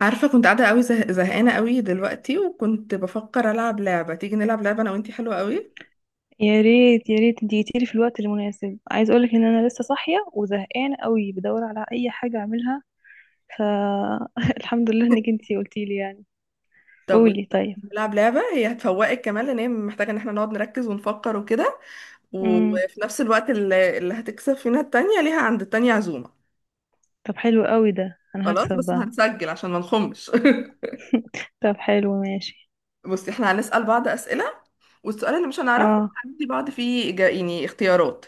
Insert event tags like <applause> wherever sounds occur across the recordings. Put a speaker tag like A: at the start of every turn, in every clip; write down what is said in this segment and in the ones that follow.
A: عارفة كنت قاعدة قوي زهقانة قوي دلوقتي، وكنت بفكر ألعب لعبة. تيجي نلعب لعبة أنا وإنتي؟ حلوة قوي.
B: يا ريت يا ريت اديتيلي في الوقت المناسب. عايز اقولك ان انا لسه صاحيه وزهقانه قوي، بدور على اي حاجه اعملها. فالحمد <laughs> لله انك انتي قلتيلي يعني.
A: طب
B: قولي. طيب.
A: نلعب لعبة، هي هتفوقك كمان، لأن هي محتاجة إن احنا نقعد نركز ونفكر وكده.
B: امم.
A: وفي نفس الوقت اللي هتكسب فينا التانية ليها عند التانية عزومة.
B: طب حلو قوي ده انا
A: خلاص
B: هكسب
A: بس
B: بقى.
A: هنسجل عشان ما نخمش.
B: طب حلو ماشي.
A: <laughs> بصي احنا هنسأل بعض أسئلة، والسؤال اللي مش هنعرفه
B: اه
A: هندي بعض فيه إجا... يعني اختيارات.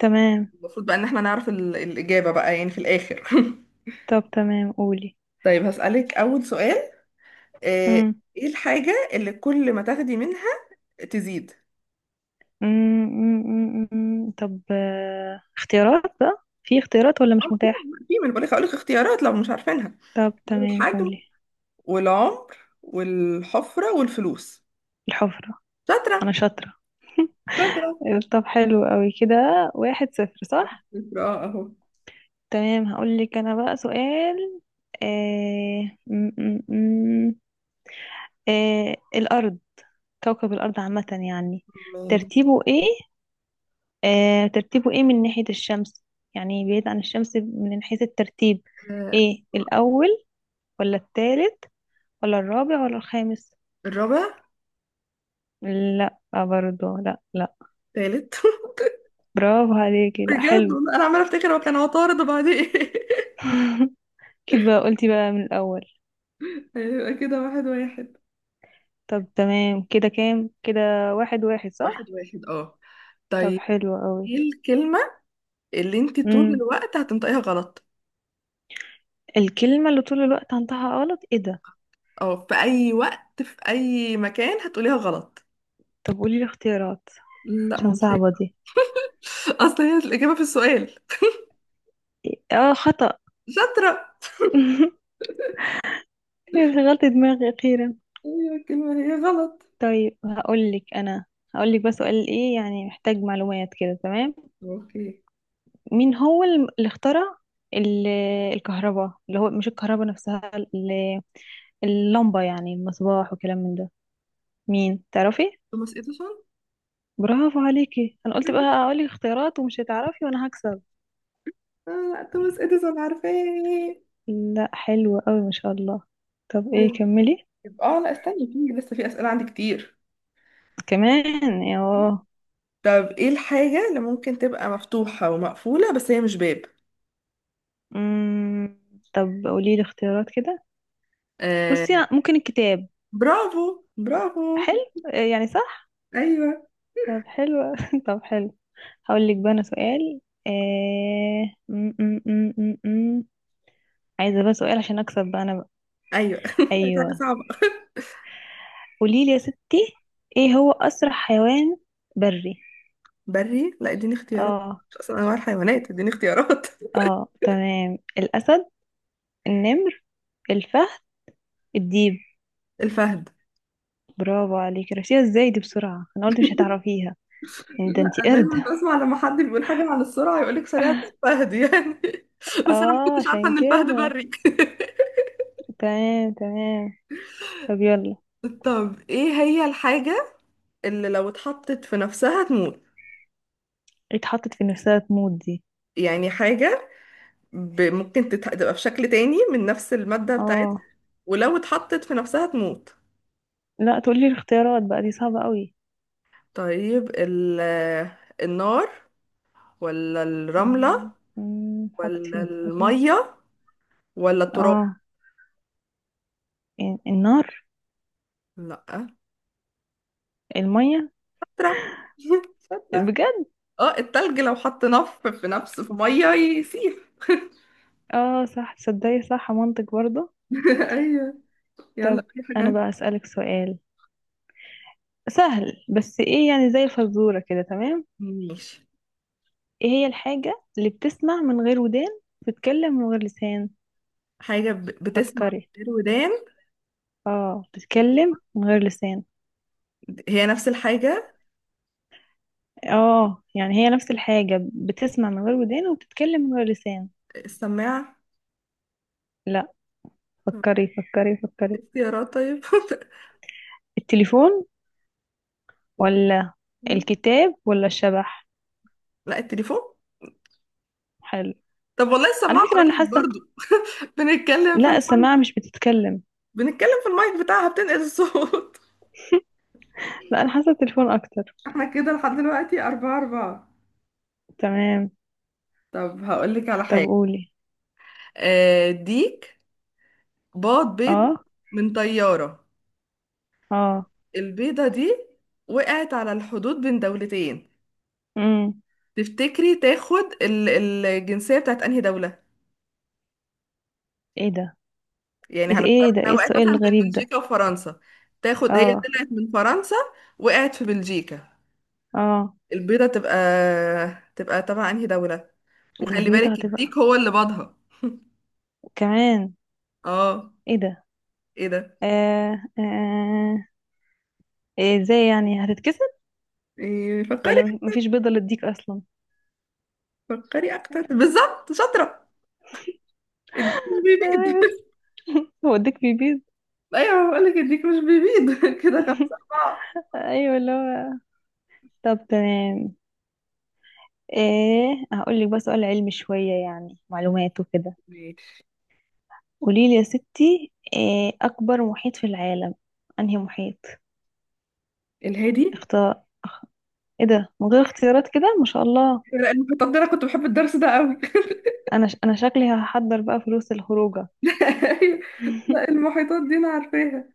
B: تمام.
A: المفروض بقى إن احنا نعرف الإجابة بقى يعني في الآخر. <laughs>
B: طب تمام قولي.
A: طيب هسألك أول سؤال. آه،
B: امم،
A: ايه الحاجة اللي كل ما تاخدي منها تزيد؟
B: امم، أمم، أمم. طب اختيارات بقى، في اختيارات ولا مش
A: في.
B: متاح؟
A: في من بقولك هقولك اختيارات لو مش عارفينها:
B: طب
A: في
B: تمام
A: الحجم،
B: قولي.
A: والعمر، والحفرة، والفلوس.
B: الحفره. انا
A: شاطرة.
B: شاطره.
A: شاطرة.
B: طب حلو قوي كده، واحد صفر صح.
A: شاطرة اه اهو.
B: تمام. هقول لك انا بقى سؤال. م -م -م. الارض، كوكب الارض عامه يعني،
A: مال-
B: ترتيبه ايه؟ ترتيبه ايه من ناحيه الشمس؟ يعني بعيد عن الشمس من حيث الترتيب،
A: آه،
B: ايه الاول ولا الثالث ولا الرابع ولا الخامس؟
A: الرابع.
B: لا، برضه لا لا.
A: تالت. <laughs>
B: برافو عليكي، لا
A: بجد
B: حلو.
A: والله انا عمالة افتكر هو كان عطارد وبعدين. <laughs>
B: <laughs> كده بقى قلتي بقى من الاول.
A: ايه، هيبقى كده واحد واحد.
B: طب تمام كده، كام كده؟ واحد واحد
A: واحد
B: صح.
A: واحد اه.
B: طب
A: طيب،
B: حلو قوي.
A: ايه الكلمة اللي انت طول الوقت هتنطقيها غلط،
B: الكلمة اللي طول الوقت عندها غلط ايه ده؟
A: او في اي وقت في اي مكان هتقوليها غلط؟
B: طب قولي لي اختيارات
A: لا ما
B: عشان
A: قلتهاش.
B: صعبة دي.
A: اصل هي الاجابه في السؤال.
B: اه خطأ.
A: شاطره.
B: <laughs> شغلت دماغي أخيرا.
A: ايوه الكلمه هي غلط.
B: طيب هقولك أنا، هقولك بس سؤال ايه يعني، محتاج معلومات كده تمام؟
A: اوكي.
B: مين هو اللي اخترع ال- الكهرباء، اللي هو مش الكهرباء نفسها، اللمبة يعني، المصباح وكلام من ده، مين تعرفي؟
A: توماس اديسون.
B: برافو عليكي. انا قلت بقى هقولك اختيارات ومش هتعرفي وانا هكسب.
A: لا توماس اديسون عارفاه.
B: لا حلو قوي ما شاء الله. طب ايه
A: طيب.
B: كملي.
A: يبقى اه، لا استني، في لسه في اسئله عندي كتير.
B: كمان اه.
A: طب ايه الحاجه اللي ممكن تبقى مفتوحه ومقفوله بس هي مش باب؟
B: أمم. طب قولي لي اختيارات كده. بصي
A: آه.
B: ممكن الكتاب.
A: برافو. برافو.
B: حلو. يعني صح.
A: ايوه.
B: طب حلو <laughs> طب حلو. هقول لك بقى انا سؤال. م -م -م -م -م. عايزه بقى سؤال عشان اكسب بقى انا بقى.
A: ايوه. <laughs> دي
B: ايوه.
A: حاجه صعبه.
B: قولي لي يا ستي، ايه هو اسرع حيوان بري؟
A: بري؟ لا اديني اختيارات،
B: اه.
A: مش اصلا انواع الحيوانات، اديني اختيارات.
B: اه تمام، الاسد، النمر، الفهد، الديب.
A: <laughs> الفهد.
B: برافو عليكي، عرفتيها ازاي دي بسرعه؟ انا قلت مش هتعرفيها. يعني ده
A: لا
B: انتي قرد.
A: دايما بسمع لما حد بيقول حاجة عن السرعة يقولك سريعة زي الفهد يعني. <laughs> بس أنا ما
B: اه
A: كنتش عارفة
B: عشان
A: إن الفهد
B: كده.
A: بري.
B: تمام تمام. طب يلا.
A: <laughs> طب إيه هي الحاجة اللي لو اتحطت في نفسها تموت؟
B: اتحطت في نفسها تموت دي؟
A: يعني حاجة ممكن تبقى في شكل تاني من نفس المادة
B: اه.
A: بتاعتها، ولو اتحطت في نفسها تموت.
B: لا تقولي الاختيارات بقى، دي صعبة قوي.
A: طيب النار، ولا الرملة،
B: مم، مم، اتحطت في
A: ولا
B: نفسها تموت.
A: المية، ولا التراب؟
B: اه. النار.
A: لا
B: المية.
A: التراب. <laughs>
B: بجد؟
A: اه التلج لو حط نف في نفس في ميه يسيح. <laughs>
B: اه صح، تصدقي صح، منطق برضه.
A: ايوه. يلا،
B: طب
A: في حاجه
B: انا بقى اسألك سؤال سهل، بس ايه يعني زي الفزورة كده تمام؟
A: ماشي.
B: ايه هي الحاجة اللي بتسمع من غير ودان، بتتكلم من غير لسان؟
A: حاجه بتسمع من
B: فكري.
A: غير ودان؟
B: اه بتتكلم من غير لسان.
A: هي نفس الحاجه.
B: اه يعني هي نفس الحاجة، بتسمع من غير ودان وبتتكلم من غير لسان.
A: السماعه.
B: لا.
A: طب
B: فكري فكري فكري.
A: اختيارات طيب. <laughs>
B: التليفون، ولا الكتاب ولا الشبح؟
A: لا التليفون.
B: حلو.
A: طب والله
B: على
A: السماعه
B: فكرة أنا
A: قريب
B: حاسة.
A: برضو، بنتكلم في
B: لا
A: الم...
B: السماعة مش بتتكلم.
A: بنتكلم في المايك بتاعها بتنقل الصوت. <laughs>
B: لا أنا حاسة التليفون أكتر.
A: احنا كده لحد دلوقتي أربعة أربعة.
B: تمام.
A: طب هقول لك على
B: طب
A: حاجة.
B: قولي.
A: ديك بيض بيض
B: اه.
A: من طيارة.
B: اه.
A: البيضة دي وقعت على الحدود بين دولتين،
B: امم.
A: تفتكري تاخد الجنسية بتاعت انهي دولة؟
B: ايه ده.
A: يعني
B: ايه.
A: هنفترض
B: إيه ده،
A: انها
B: ايه
A: وقعت
B: السؤال
A: مثلا بين
B: الغريب ده؟
A: بلجيكا وفرنسا، تاخد. هي
B: اه.
A: طلعت من فرنسا، وقعت في بلجيكا،
B: اه.
A: البيضة تبقى تبقى تبع انهي دولة؟ وخلي
B: البيضة
A: بالك
B: هتبقى
A: الديك هو اللي باضها.
B: كمان؟
A: اه.
B: ايه ده.
A: ايه ده؟
B: آه. آه آه. إيه ازاي يعني، هتتكسر
A: إيه؟ فكري.
B: ولا مفيش بيضة للديك أصلا؟
A: فكري اكتر
B: أيوة.
A: بالظبط. شاطرة. الديك مش بيبيض. <laughs>
B: <laughs> وديك في بيز.
A: ايوه بقول لك الديك مش بيبيض. <laughs> كده خمسة أربعة.
B: <laughs> ايوه اللي هو. طب تمام. ايه هقول لك بقى سؤال علمي شويه، يعني معلومات وكده.
A: ماشي.
B: قولي لي يا ستي، إيه اكبر محيط في العالم؟ انهي محيط؟
A: الهادي.
B: اختار ايه ده من غير اختيارات كده ما شاء الله.
A: لا المحيطات دي انا كنت بحب الدرس ده قوي.
B: انا انا شكلي هحضر بقى فلوس الخروجه.
A: <laughs> لا. لا،
B: <laughs>
A: المحيطات دي انا عارفاها.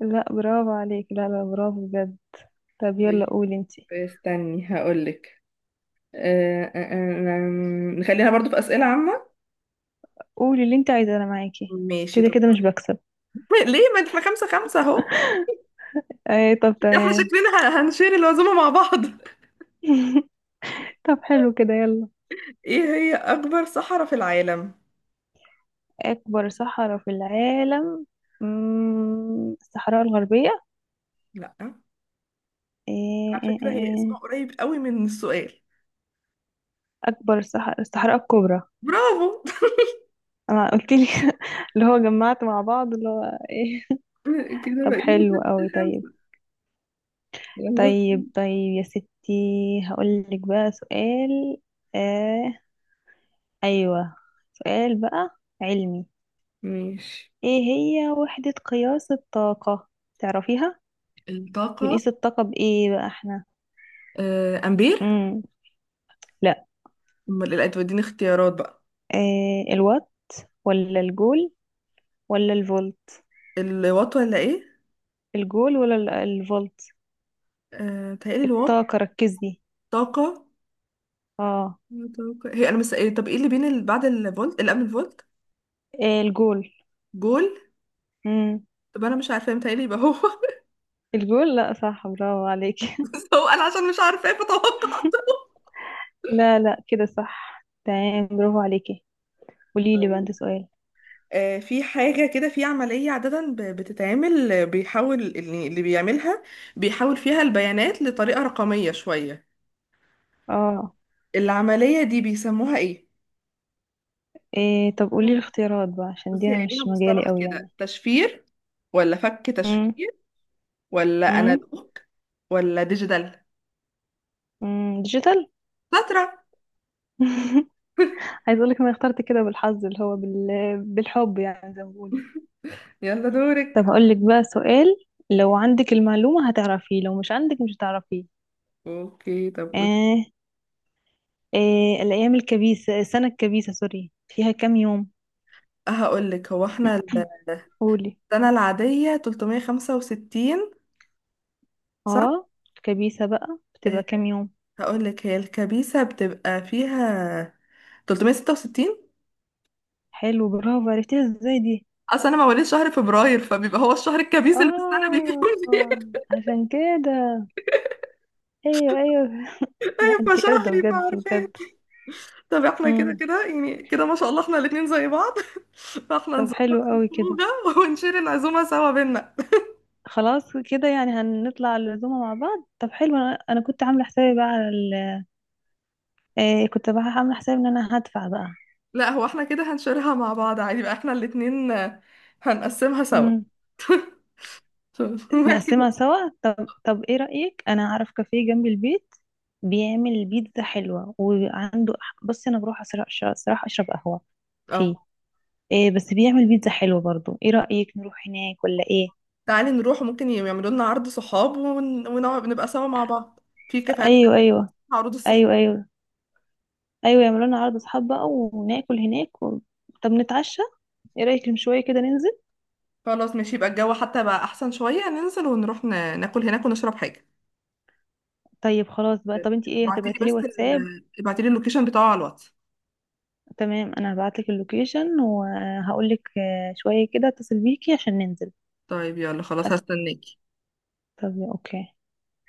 B: لا برافو عليك، لا لا برافو بجد. طب يلا
A: طيب
B: قولي انتي.
A: استني هقولك. أه أه أه نخلينا برضو في أسئلة عامة.
B: قولي اللي انت عايزاه، انا معاكي.
A: ماشي
B: كده
A: طب.
B: كده مش بكسب.
A: <laughs> ليه، ما احنا خمسة خمسة اهو.
B: ايه طب
A: احنا
B: تمام.
A: شكلنا هنشير العزومة مع بعض.
B: <laughs> طب حلو كده يلا.
A: <laughs> ايه هي أكبر صحراء في العالم؟
B: أكبر صحراء في العالم. الصحراء الغربية.
A: لا.
B: إيه؟
A: على
B: إيه.
A: فكرة هي
B: إيه.
A: اسمها
B: إيه.
A: قريب قوي من السؤال.
B: أكبر صحراء، الصحراء الكبرى.
A: برافو.
B: أنا قلت لي. <laughs> اللي هو جمعت مع بعض اللي هو إيه.
A: <laughs> كده
B: طب
A: بقينا
B: حلو
A: ستة
B: قوي. طيب
A: خمسة. يلا.
B: طيب طيب يا ستي، هقول لك بقى سؤال. آه أيوة، سؤال بقى علمي.
A: ماشي.
B: إيه هي وحدة قياس الطاقة؟ تعرفيها؟
A: الطاقة.
B: بنقيس الطاقة بإيه بقى إحنا؟
A: أمبير.
B: مم. لا.
A: أمال إيه؟ لا توديني اختيارات بقى.
B: إيه الوات ولا الجول ولا الفولت؟
A: الوات ولا ايه؟
B: الجول، ولا الفولت؟
A: آه تهيألي الوات.
B: الطاقة ركزي.
A: طاقة.
B: اه.
A: طاقة. إيه طب ايه اللي بين اللي بعد الفولت اللي قبل الفولت؟
B: إيه الجول؟
A: جول.
B: امم.
A: طب انا مش عارفة متهيألي يبقى هو. <laughs>
B: الجول، لا صح برافو عليكي. <laughs>
A: بس هو انا عشان مش عارفة بتوقع.
B: لا لا كده صح تمام، برافو عليكي. قولي لي بقى
A: طيب.
B: انت سؤال.
A: آه في حاجة كده في عملية عادة بتتعمل، بيحول اللي بيعملها بيحول فيها البيانات لطريقة رقمية شوية.
B: اه.
A: العملية دي بيسموها ايه؟
B: إيه طب قولي لي
A: ليها-
B: الاختيارات بقى، عشان دي
A: بصي
B: انا
A: هي ليها
B: مش مجالي
A: مصطلح
B: قوي يعني.
A: كده: تشفير، ولا فك
B: امم.
A: تشفير، ولا
B: امم.
A: انالوج، ولا ديجيتال.
B: ديجيتال.
A: شاطرة.
B: <laughs> عايز اقول لك انا اخترت كده بالحظ، اللي هو بالحب يعني، زي ما بيقولوا.
A: يلا
B: طب
A: دورك.
B: هقول لك بقى سؤال، لو عندك المعلومة هتعرفيه، لو مش عندك مش هتعرفيه.
A: اوكي طب قولي.
B: آه آه. الأيام الكبيسة، السنة الكبيسة سوري، فيها كام يوم؟
A: هقول لك هو احنا
B: قولي.
A: السنة العادية 365، صح؟
B: اه. الكبيسة بقى بتبقى
A: آه،
B: كام يوم؟
A: هقول لك هي الكبيسة بتبقى فيها 366.
B: حلو برافو، عرفتيها ازاي دي؟
A: اصل انا مواليد شهر فبراير، فبيبقى هو الشهر الكبيس اللي في السنة بيكون
B: اه
A: فيه.
B: عشان كده. ايوه ايوه. لا
A: <laughs>
B: انتي قردة
A: فشهري
B: بجد
A: فعارفين.
B: بجد.
A: طب احنا كده
B: امم.
A: كده يعني، كده ما شاء الله احنا الاتنين زي بعض. <laughs> فاحنا
B: طب
A: نظبط
B: حلو قوي كده،
A: الخروجة ونشير العزومة سوا بينا.
B: خلاص كده يعني هنطلع العزومة مع بعض. طب حلو، أنا كنت عاملة حسابي بقى على كنت بقى عاملة حسابي ان انا هدفع
A: لا هو احنا كده هنشيرها مع بعض عادي بقى، احنا الاتنين، هنقسمها سوا.
B: بقى.
A: ف- <laughs> بعد
B: نقسمها
A: كده.
B: سوا. طب ايه رأيك، انا اعرف كافيه جنب البيت بيعمل بيتزا حلوة، وعنده، بصي انا بروح صراحة اشرب قهوة فيه.
A: اه
B: إيه بس بيعمل بيتزا حلوة برضو، ايه رأيك نروح هناك ولا ايه؟
A: تعالي نروح، ممكن يعملوا لنا عرض صحاب، ونقعد نبقى سوا مع بعض في كافيهات
B: ايوه ايوه.
A: عروض الصحاب.
B: ايوه ايوه. ايوه يعملوا لنا عرض اصحاب بقى وناكل هناك و... طب نتعشى. ايه رأيك من شوية كده ننزل؟
A: خلاص ماشي، يبقى الجو حتى بقى احسن شوية، ننزل ونروح ناكل هناك ونشرب حاجة.
B: طيب خلاص بقى. طب انتي ايه، هتبعتي لي واتساب؟
A: ابعتيلي اللوكيشن بتاعه على الواتس.
B: تمام انا هبعتلك اللوكيشن، وهقولك شوية كده اتصل بيكي عشان ننزل.
A: طيب يلا خلاص
B: حس...
A: هستناك.
B: طب اوكي.